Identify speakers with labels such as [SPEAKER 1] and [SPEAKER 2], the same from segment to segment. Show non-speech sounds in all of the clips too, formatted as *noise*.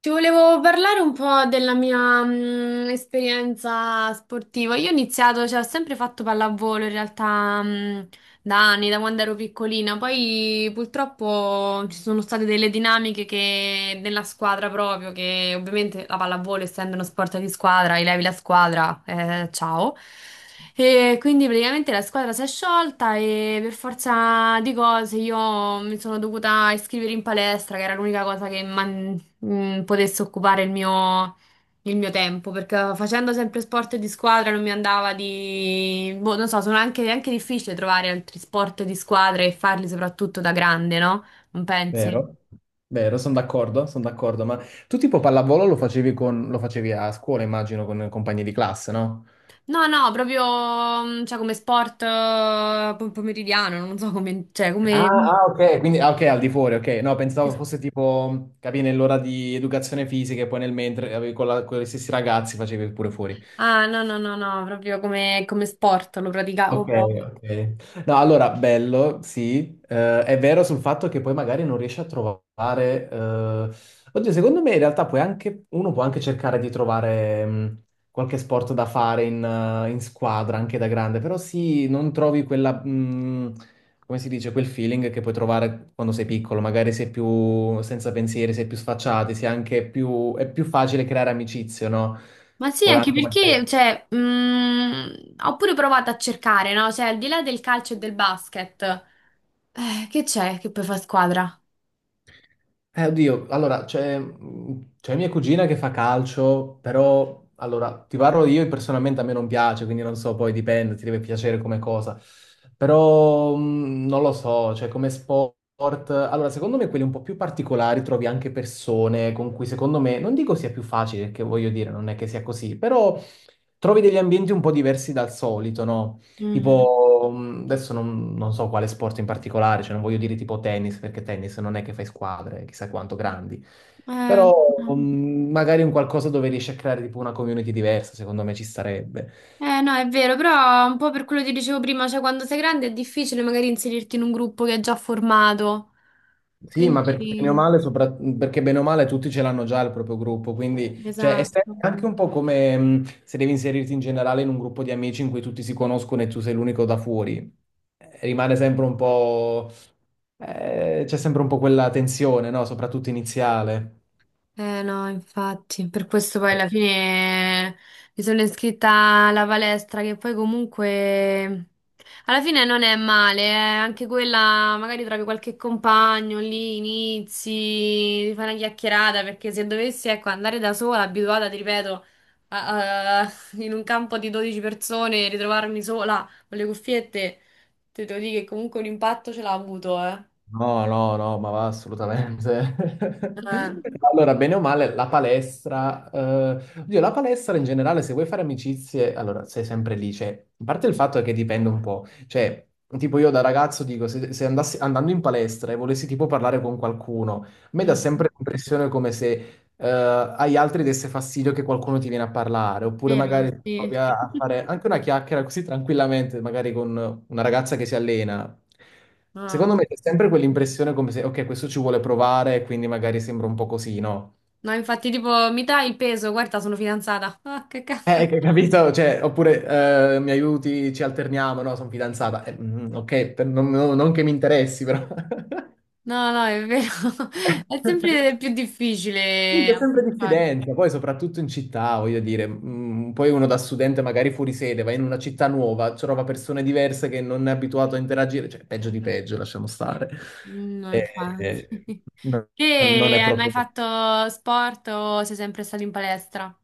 [SPEAKER 1] Ti volevo parlare un po' della mia esperienza sportiva. Io ho iniziato, cioè, ho sempre fatto pallavolo in realtà da anni, da quando ero piccolina. Poi purtroppo ci sono state delle dinamiche che, nella squadra proprio, che ovviamente la pallavolo, essendo uno sport di squadra, levi la squadra, ciao. E quindi praticamente la squadra si è sciolta e per forza di cose io mi sono dovuta iscrivere in palestra, che era l'unica cosa che potesse occupare il mio tempo, perché facendo sempre sport di squadra non mi andava di. Boh, non so, è anche difficile trovare altri sport di squadra e farli soprattutto da grande, no? Non pensi?
[SPEAKER 2] Vero, vero, sono d'accordo, ma tu tipo pallavolo lo facevi, lo facevi a scuola, immagino, con compagni di classe, no?
[SPEAKER 1] No, no, proprio, cioè, come sport pomeridiano, non so come, cioè,
[SPEAKER 2] Ah,
[SPEAKER 1] come.
[SPEAKER 2] ah, ok, quindi ah, ok, al di fuori, ok, no, pensavo fosse tipo, nell'ora di educazione fisica e poi nel mentre avevi con gli stessi ragazzi facevi pure fuori.
[SPEAKER 1] Ah, no, no, no, no, proprio come sport lo praticavo
[SPEAKER 2] Ok,
[SPEAKER 1] proprio.
[SPEAKER 2] ok. No, allora, bello, sì. È vero sul fatto che poi magari non riesci a trovare. Oddio, secondo me in realtà puoi anche... uno può anche cercare di trovare qualche sport da fare in squadra, anche da grande, però sì, non trovi quella. Come si dice, quel feeling che puoi trovare quando sei piccolo, magari sei più senza pensieri, sei più sfacciati, sei anche più... è più facile creare amicizie, no?
[SPEAKER 1] Ma sì, anche
[SPEAKER 2] Anche magari...
[SPEAKER 1] perché, cioè, ho pure provato a cercare, no? Cioè, al di là del calcio e del basket, che c'è che poi fa squadra?
[SPEAKER 2] Oddio, allora, c'è mia cugina che fa calcio, però, allora, ti parlo, io personalmente a me non piace, quindi non so, poi dipende, ti deve piacere come cosa. Però, non lo so, cioè come sport, allora, secondo me quelli un po' più particolari trovi anche persone con cui, secondo me, non dico sia più facile, che voglio dire, non è che sia così, però trovi degli ambienti un po' diversi dal solito, no?
[SPEAKER 1] Mhm.
[SPEAKER 2] Tipo, adesso non so quale sport in particolare, cioè non voglio dire tipo tennis, perché tennis non è che fai squadre, chissà quanto grandi,
[SPEAKER 1] Eh,
[SPEAKER 2] però magari un qualcosa dove riesci a creare tipo una community diversa, secondo me ci starebbe.
[SPEAKER 1] no, è vero, però un po' per quello che dicevo prima, cioè, quando sei grande è difficile magari inserirti in un gruppo che è già formato.
[SPEAKER 2] Sì, ma perché bene o
[SPEAKER 1] Quindi,
[SPEAKER 2] male, perché bene o male tutti ce l'hanno già il proprio gruppo, quindi cioè, è se-
[SPEAKER 1] esatto.
[SPEAKER 2] anche un po' come se devi inserirti in generale in un gruppo di amici in cui tutti si conoscono e tu sei l'unico da fuori. Rimane sempre un po', c'è sempre un po' quella tensione, no? Soprattutto iniziale.
[SPEAKER 1] No, infatti, per questo poi alla fine mi sono iscritta alla palestra che poi comunque alla fine non è male, eh. Anche quella magari trovi qualche compagno lì, inizi, fai una chiacchierata perché se dovessi ecco, andare da sola, abituata, ti ripeto, a- a- *laughs* in un campo di 12 persone, ritrovarmi sola con le cuffiette, te devo dire che comunque un impatto ce l'ha avuto, eh.
[SPEAKER 2] No, no, no, ma va assolutamente. *laughs*
[SPEAKER 1] Eh,
[SPEAKER 2] Allora, bene o male, la palestra in generale, se vuoi fare amicizie, allora sei sempre lì. Cioè, a parte il fatto è che dipende un po'. Cioè, tipo io da ragazzo dico, se andassi andando in palestra e volessi tipo parlare con qualcuno, a me dà
[SPEAKER 1] mm,
[SPEAKER 2] sempre l'impressione come se eh, agli altri desse fastidio che qualcuno ti viene a parlare, oppure
[SPEAKER 1] Vero,
[SPEAKER 2] magari
[SPEAKER 1] sì.
[SPEAKER 2] provi a
[SPEAKER 1] *laughs*
[SPEAKER 2] fare anche una chiacchiera così tranquillamente, magari con una ragazza che si allena.
[SPEAKER 1] Ah,
[SPEAKER 2] Secondo me c'è
[SPEAKER 1] sì.
[SPEAKER 2] sempre quell'impressione come se, ok, questo ci vuole provare, quindi magari sembra un po' così, no?
[SPEAKER 1] No, infatti, tipo, mi dai il peso, guarda, sono fidanzata. Ah, che cazzo.
[SPEAKER 2] Capito? Cioè, oppure mi aiuti, ci alterniamo, no? Sono fidanzata. Ok, non che mi interessi, però.
[SPEAKER 1] No, no, è vero. *laughs* È sempre
[SPEAKER 2] *laughs*
[SPEAKER 1] più difficile
[SPEAKER 2] Comunque è sempre
[SPEAKER 1] approcciare.
[SPEAKER 2] diffidenza, poi soprattutto in città, voglio dire, poi uno da studente magari fuori sede va in una città nuova, trova persone diverse che non è abituato a interagire, cioè peggio di peggio, lasciamo stare.
[SPEAKER 1] Mm, no,
[SPEAKER 2] Eh,
[SPEAKER 1] infatti.
[SPEAKER 2] eh,
[SPEAKER 1] *laughs*
[SPEAKER 2] Non
[SPEAKER 1] Te
[SPEAKER 2] è
[SPEAKER 1] hai mai
[SPEAKER 2] proprio...
[SPEAKER 1] fatto sport o sei sempre stato in palestra?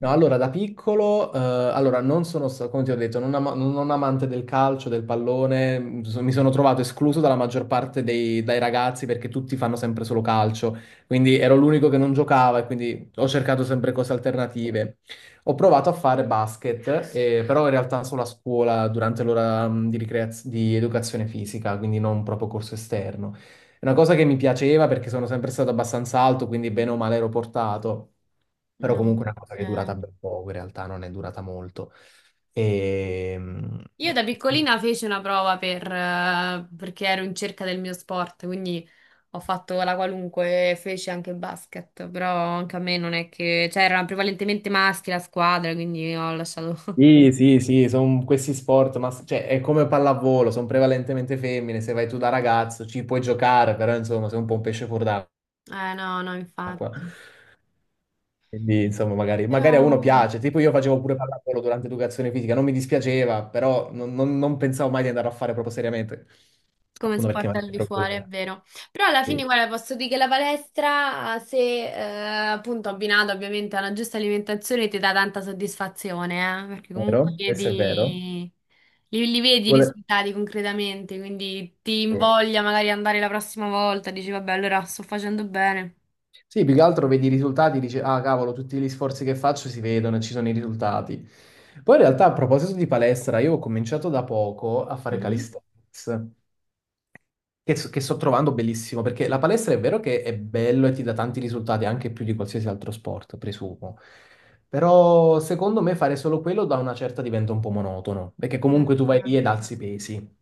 [SPEAKER 2] No, allora da piccolo, allora non come ti ho detto, non amante del calcio, del pallone, mi sono trovato escluso dalla maggior parte dai ragazzi perché tutti fanno sempre solo calcio, quindi ero l'unico che non giocava e quindi ho cercato sempre cose alternative. Ho provato a fare basket, però in realtà solo a scuola durante l'ora di educazione fisica, quindi non proprio corso esterno. È una cosa che mi piaceva perché sono sempre stato abbastanza alto, quindi bene o male ero portato, però
[SPEAKER 1] No.
[SPEAKER 2] comunque è una cosa che è durata
[SPEAKER 1] Ok.
[SPEAKER 2] ben poco, in realtà non è durata molto. Ehm,
[SPEAKER 1] Io da piccolina feci una prova per, perché ero in cerca del mio sport, quindi ho fatto la qualunque, e feci anche basket, però anche a me non è che, cioè erano prevalentemente maschi la squadra, quindi ho lasciato. *laughs*
[SPEAKER 2] Sì, sì, sì, sono questi sport, ma cioè, è come pallavolo, sono prevalentemente femmine, se vai tu da ragazzo ci puoi giocare, però insomma sei un po' un pesce fuor d'acqua,
[SPEAKER 1] No, no, infatti.
[SPEAKER 2] quindi insomma magari,
[SPEAKER 1] Però
[SPEAKER 2] magari a uno piace, tipo io facevo pure pallavolo durante educazione fisica, non mi dispiaceva, però non pensavo mai di andare a fare proprio seriamente,
[SPEAKER 1] come
[SPEAKER 2] appunto perché
[SPEAKER 1] sport
[SPEAKER 2] magari
[SPEAKER 1] al di
[SPEAKER 2] ero più
[SPEAKER 1] fuori, è
[SPEAKER 2] giovane.
[SPEAKER 1] vero. Però alla fine,
[SPEAKER 2] Sì,
[SPEAKER 1] guarda, posso dire che la palestra, se appunto abbinata ovviamente a una giusta alimentazione, ti dà tanta soddisfazione, perché comunque
[SPEAKER 2] vero, questo è vero.
[SPEAKER 1] chiedi. Li vedi i
[SPEAKER 2] Vuole-
[SPEAKER 1] risultati concretamente, quindi ti
[SPEAKER 2] Sì.
[SPEAKER 1] invoglia magari andare la prossima volta, dici vabbè, allora sto facendo bene.
[SPEAKER 2] Sì, più che altro vedi i risultati, dici, ah cavolo, tutti gli sforzi che faccio si vedono e ci sono i risultati. Poi in realtà a proposito di palestra, io ho cominciato da poco a fare
[SPEAKER 1] Mhm.
[SPEAKER 2] calisthenics. Che sto trovando bellissimo, perché la palestra è vero che è bello e ti dà tanti risultati, anche più di qualsiasi altro sport, presumo. Però secondo me fare solo quello, da una certa diventa un po' monotono, perché comunque tu vai lì ed
[SPEAKER 1] Eh,
[SPEAKER 2] alzi i pesi,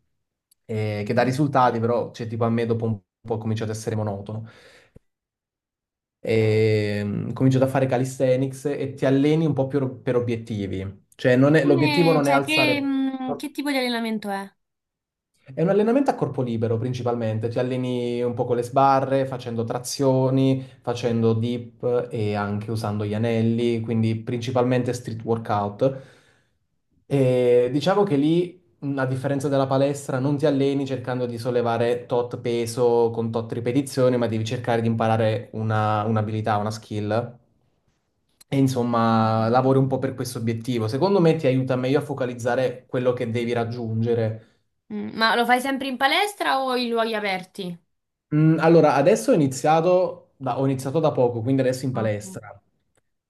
[SPEAKER 2] eh, che dà
[SPEAKER 1] eh.
[SPEAKER 2] risultati, però cioè, tipo a me dopo un po' è cominciato ad essere monotono. Comincio a fare calisthenics e ti alleni un po' più per obiettivi. Cioè non
[SPEAKER 1] E
[SPEAKER 2] è- l'obiettivo
[SPEAKER 1] come,
[SPEAKER 2] non è
[SPEAKER 1] cioè, che,
[SPEAKER 2] alzare.
[SPEAKER 1] mm, che tipo di allenamento è?
[SPEAKER 2] È un allenamento a corpo libero principalmente, ti alleni un po' con le sbarre, facendo trazioni, facendo dip e anche usando gli anelli, quindi principalmente street workout. E diciamo che lì, a differenza della palestra, non ti alleni cercando di sollevare tot peso con tot ripetizioni, ma devi cercare di imparare un'abilità, una skill. E insomma,
[SPEAKER 1] Mm.
[SPEAKER 2] lavori un po' per questo obiettivo. Secondo me ti aiuta meglio a focalizzare quello che devi raggiungere.
[SPEAKER 1] Mm, ma lo fai sempre in palestra o in luoghi aperti?
[SPEAKER 2] Allora, adesso ho iniziato da poco, quindi adesso in
[SPEAKER 1] Ok.
[SPEAKER 2] palestra.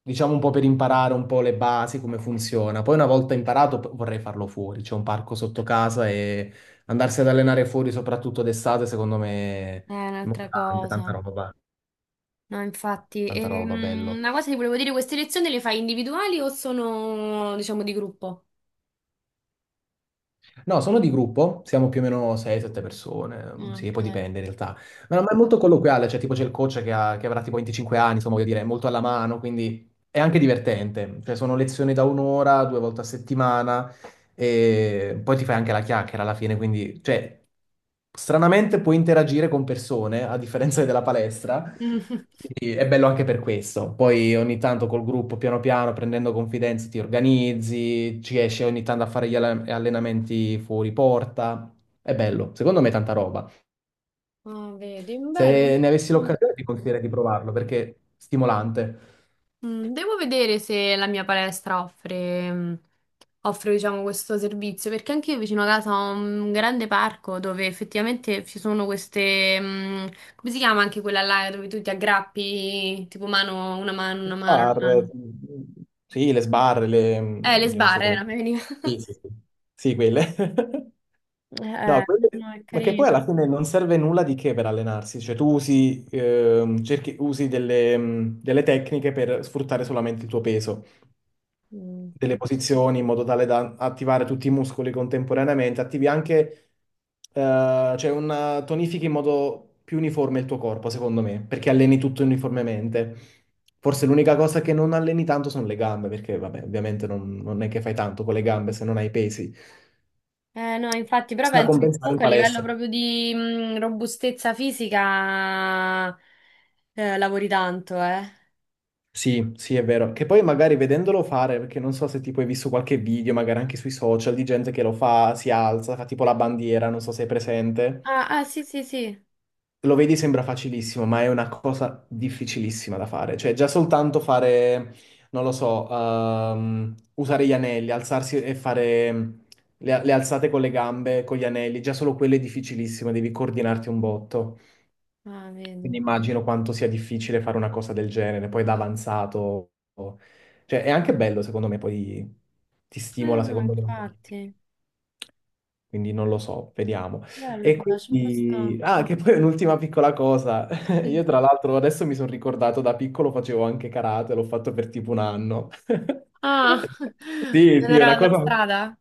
[SPEAKER 2] Diciamo un po' per imparare un po' le basi, come funziona. Poi una volta vorrei farlo fuori. C'è un parco sotto casa e andarsi ad allenare fuori, soprattutto d'estate, secondo me,
[SPEAKER 1] È un'altra
[SPEAKER 2] tanta
[SPEAKER 1] cosa.
[SPEAKER 2] roba,
[SPEAKER 1] No, infatti,
[SPEAKER 2] tanta roba, bello.
[SPEAKER 1] una cosa ti volevo dire, queste lezioni le fai individuali o sono, diciamo, di gruppo?
[SPEAKER 2] No, sono di gruppo, siamo più o meno 6-7 persone, sì,
[SPEAKER 1] Ok.
[SPEAKER 2] poi dipende in realtà. Ma, no, ma è molto colloquiale, cioè tipo c'è il coach che avrà tipo 25 anni, insomma, voglio dire, è molto alla mano, quindi è anche divertente. Cioè sono lezioni da 1 ora, 2 volte a settimana, e poi ti fai anche la chiacchiera alla fine, quindi, cioè, stranamente puoi interagire con persone, a differenza della palestra.
[SPEAKER 1] *laughs*
[SPEAKER 2] Quindi è bello anche per questo. Poi ogni tanto col gruppo, piano piano, prendendo confidenza, ti organizzi, ci esci ogni tanto a fare allenamenti fuori porta. È bello, secondo me è tanta roba.
[SPEAKER 1] Ah, vedi, bello.
[SPEAKER 2] Se ne avessi l'occasione ti consiglierei di provarlo perché è stimolante.
[SPEAKER 1] Mm, devo vedere se la mia palestra offre, offre, diciamo, questo servizio, perché anche io vicino a casa ho un grande parco dove effettivamente ci sono queste, come si chiama anche quella là dove tu ti aggrappi, tipo mano, una mano,
[SPEAKER 2] Le
[SPEAKER 1] una mano, una
[SPEAKER 2] sbarre,
[SPEAKER 1] mano.
[SPEAKER 2] sì, le sbarre,
[SPEAKER 1] Le
[SPEAKER 2] oddio, non so
[SPEAKER 1] sbarre,
[SPEAKER 2] come...
[SPEAKER 1] non mi veniva.
[SPEAKER 2] Sì,
[SPEAKER 1] *laughs*
[SPEAKER 2] sì, sì. Sì, quelle. *laughs* No,
[SPEAKER 1] No, no, è
[SPEAKER 2] ma che poi
[SPEAKER 1] carino.
[SPEAKER 2] alla fine non serve nulla di che per allenarsi, cioè tu usi, usi delle tecniche per sfruttare solamente il tuo peso,
[SPEAKER 1] Mm.
[SPEAKER 2] delle posizioni in modo tale da attivare tutti i muscoli contemporaneamente, attivi anche, cioè una, tonifichi in modo più uniforme il tuo corpo, secondo me, perché alleni tutto uniformemente. Forse l'unica cosa che non alleni tanto sono le gambe, perché vabbè, ovviamente non è che fai tanto con le gambe se non hai pesi.
[SPEAKER 1] No, infatti, però
[SPEAKER 2] Sta a
[SPEAKER 1] penso che
[SPEAKER 2] compensare in
[SPEAKER 1] comunque a livello
[SPEAKER 2] palestra.
[SPEAKER 1] proprio di, robustezza fisica, lavori tanto, eh.
[SPEAKER 2] Sì, sì, è vero. Che poi magari vedendolo fare, perché non so se tipo hai visto qualche video, magari anche sui social, di gente che lo fa, si alza, fa tipo la bandiera, non so se è presente.
[SPEAKER 1] Ah, ah, sì, sì, sì.
[SPEAKER 2] Lo vedi, sembra facilissimo, ma è una cosa difficilissima da fare. Cioè, già soltanto fare, non lo so, usare gli anelli, alzarsi e fare le alzate con le gambe, con gli anelli, già solo quello è difficilissimo, devi coordinarti un botto.
[SPEAKER 1] Ah,
[SPEAKER 2] Quindi
[SPEAKER 1] vedi.
[SPEAKER 2] immagino quanto sia difficile fare una cosa del genere, poi da avanzato. Cioè, è anche bello, secondo me, poi ti stimola,
[SPEAKER 1] No,
[SPEAKER 2] secondo me.
[SPEAKER 1] infatti.
[SPEAKER 2] Quindi non lo so, vediamo.
[SPEAKER 1] Bello,
[SPEAKER 2] E
[SPEAKER 1] però c'è questa.
[SPEAKER 2] che poi un'ultima piccola cosa. *laughs* Io
[SPEAKER 1] Sì.
[SPEAKER 2] tra l'altro adesso mi sono ricordato, da piccolo facevo anche karate, l'ho fatto per tipo un anno.
[SPEAKER 1] Ah,
[SPEAKER 2] *laughs*
[SPEAKER 1] *laughs*
[SPEAKER 2] Sì,
[SPEAKER 1] non
[SPEAKER 2] sì, è
[SPEAKER 1] era la
[SPEAKER 2] una
[SPEAKER 1] tua
[SPEAKER 2] cosa...
[SPEAKER 1] strada?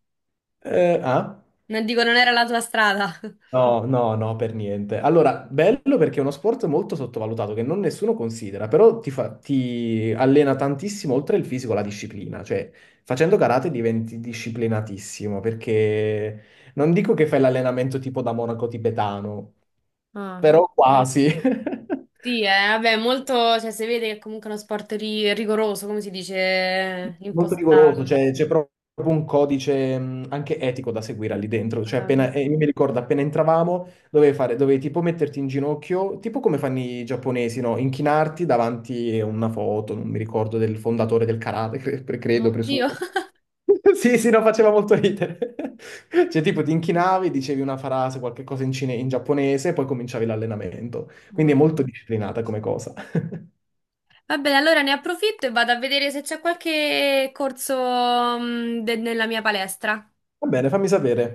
[SPEAKER 2] Ah?
[SPEAKER 1] Non dico, non era la tua strada. *laughs*
[SPEAKER 2] No, no, no, per niente. Allora, bello perché è uno sport molto sottovalutato che non nessuno considera, però ti allena tantissimo oltre il fisico la disciplina, cioè facendo karate diventi disciplinatissimo perché non dico che fai l'allenamento tipo da monaco tibetano,
[SPEAKER 1] Ah, ah.
[SPEAKER 2] però quasi. *laughs*
[SPEAKER 1] Sì, vabbè, molto. Cioè, si vede che è comunque uno sport rigoroso, come si dice,
[SPEAKER 2] Molto rigoroso,
[SPEAKER 1] impostato.
[SPEAKER 2] cioè c'è proprio un codice anche etico da seguire lì dentro. Cioè,
[SPEAKER 1] Ah, vedi.
[SPEAKER 2] io mi ricordo, appena entravamo, dovevi fare, dovevi tipo metterti in ginocchio, tipo come fanno i giapponesi, no? Inchinarti davanti a una foto, non mi ricordo, del fondatore del karate, credo, presumo.
[SPEAKER 1] Oddio.
[SPEAKER 2] *laughs*
[SPEAKER 1] *laughs*
[SPEAKER 2] Sì, sì, no, faceva molto ridere. *laughs* Cioè, tipo, ti inchinavi, dicevi una frase, qualche cosa in giapponese, e poi cominciavi l'allenamento. Quindi è
[SPEAKER 1] Ah.
[SPEAKER 2] molto disciplinata come cosa. *laughs*
[SPEAKER 1] Va bene, allora ne approfitto e vado a vedere se c'è qualche corso, nella mia palestra.
[SPEAKER 2] Va bene, fammi sapere.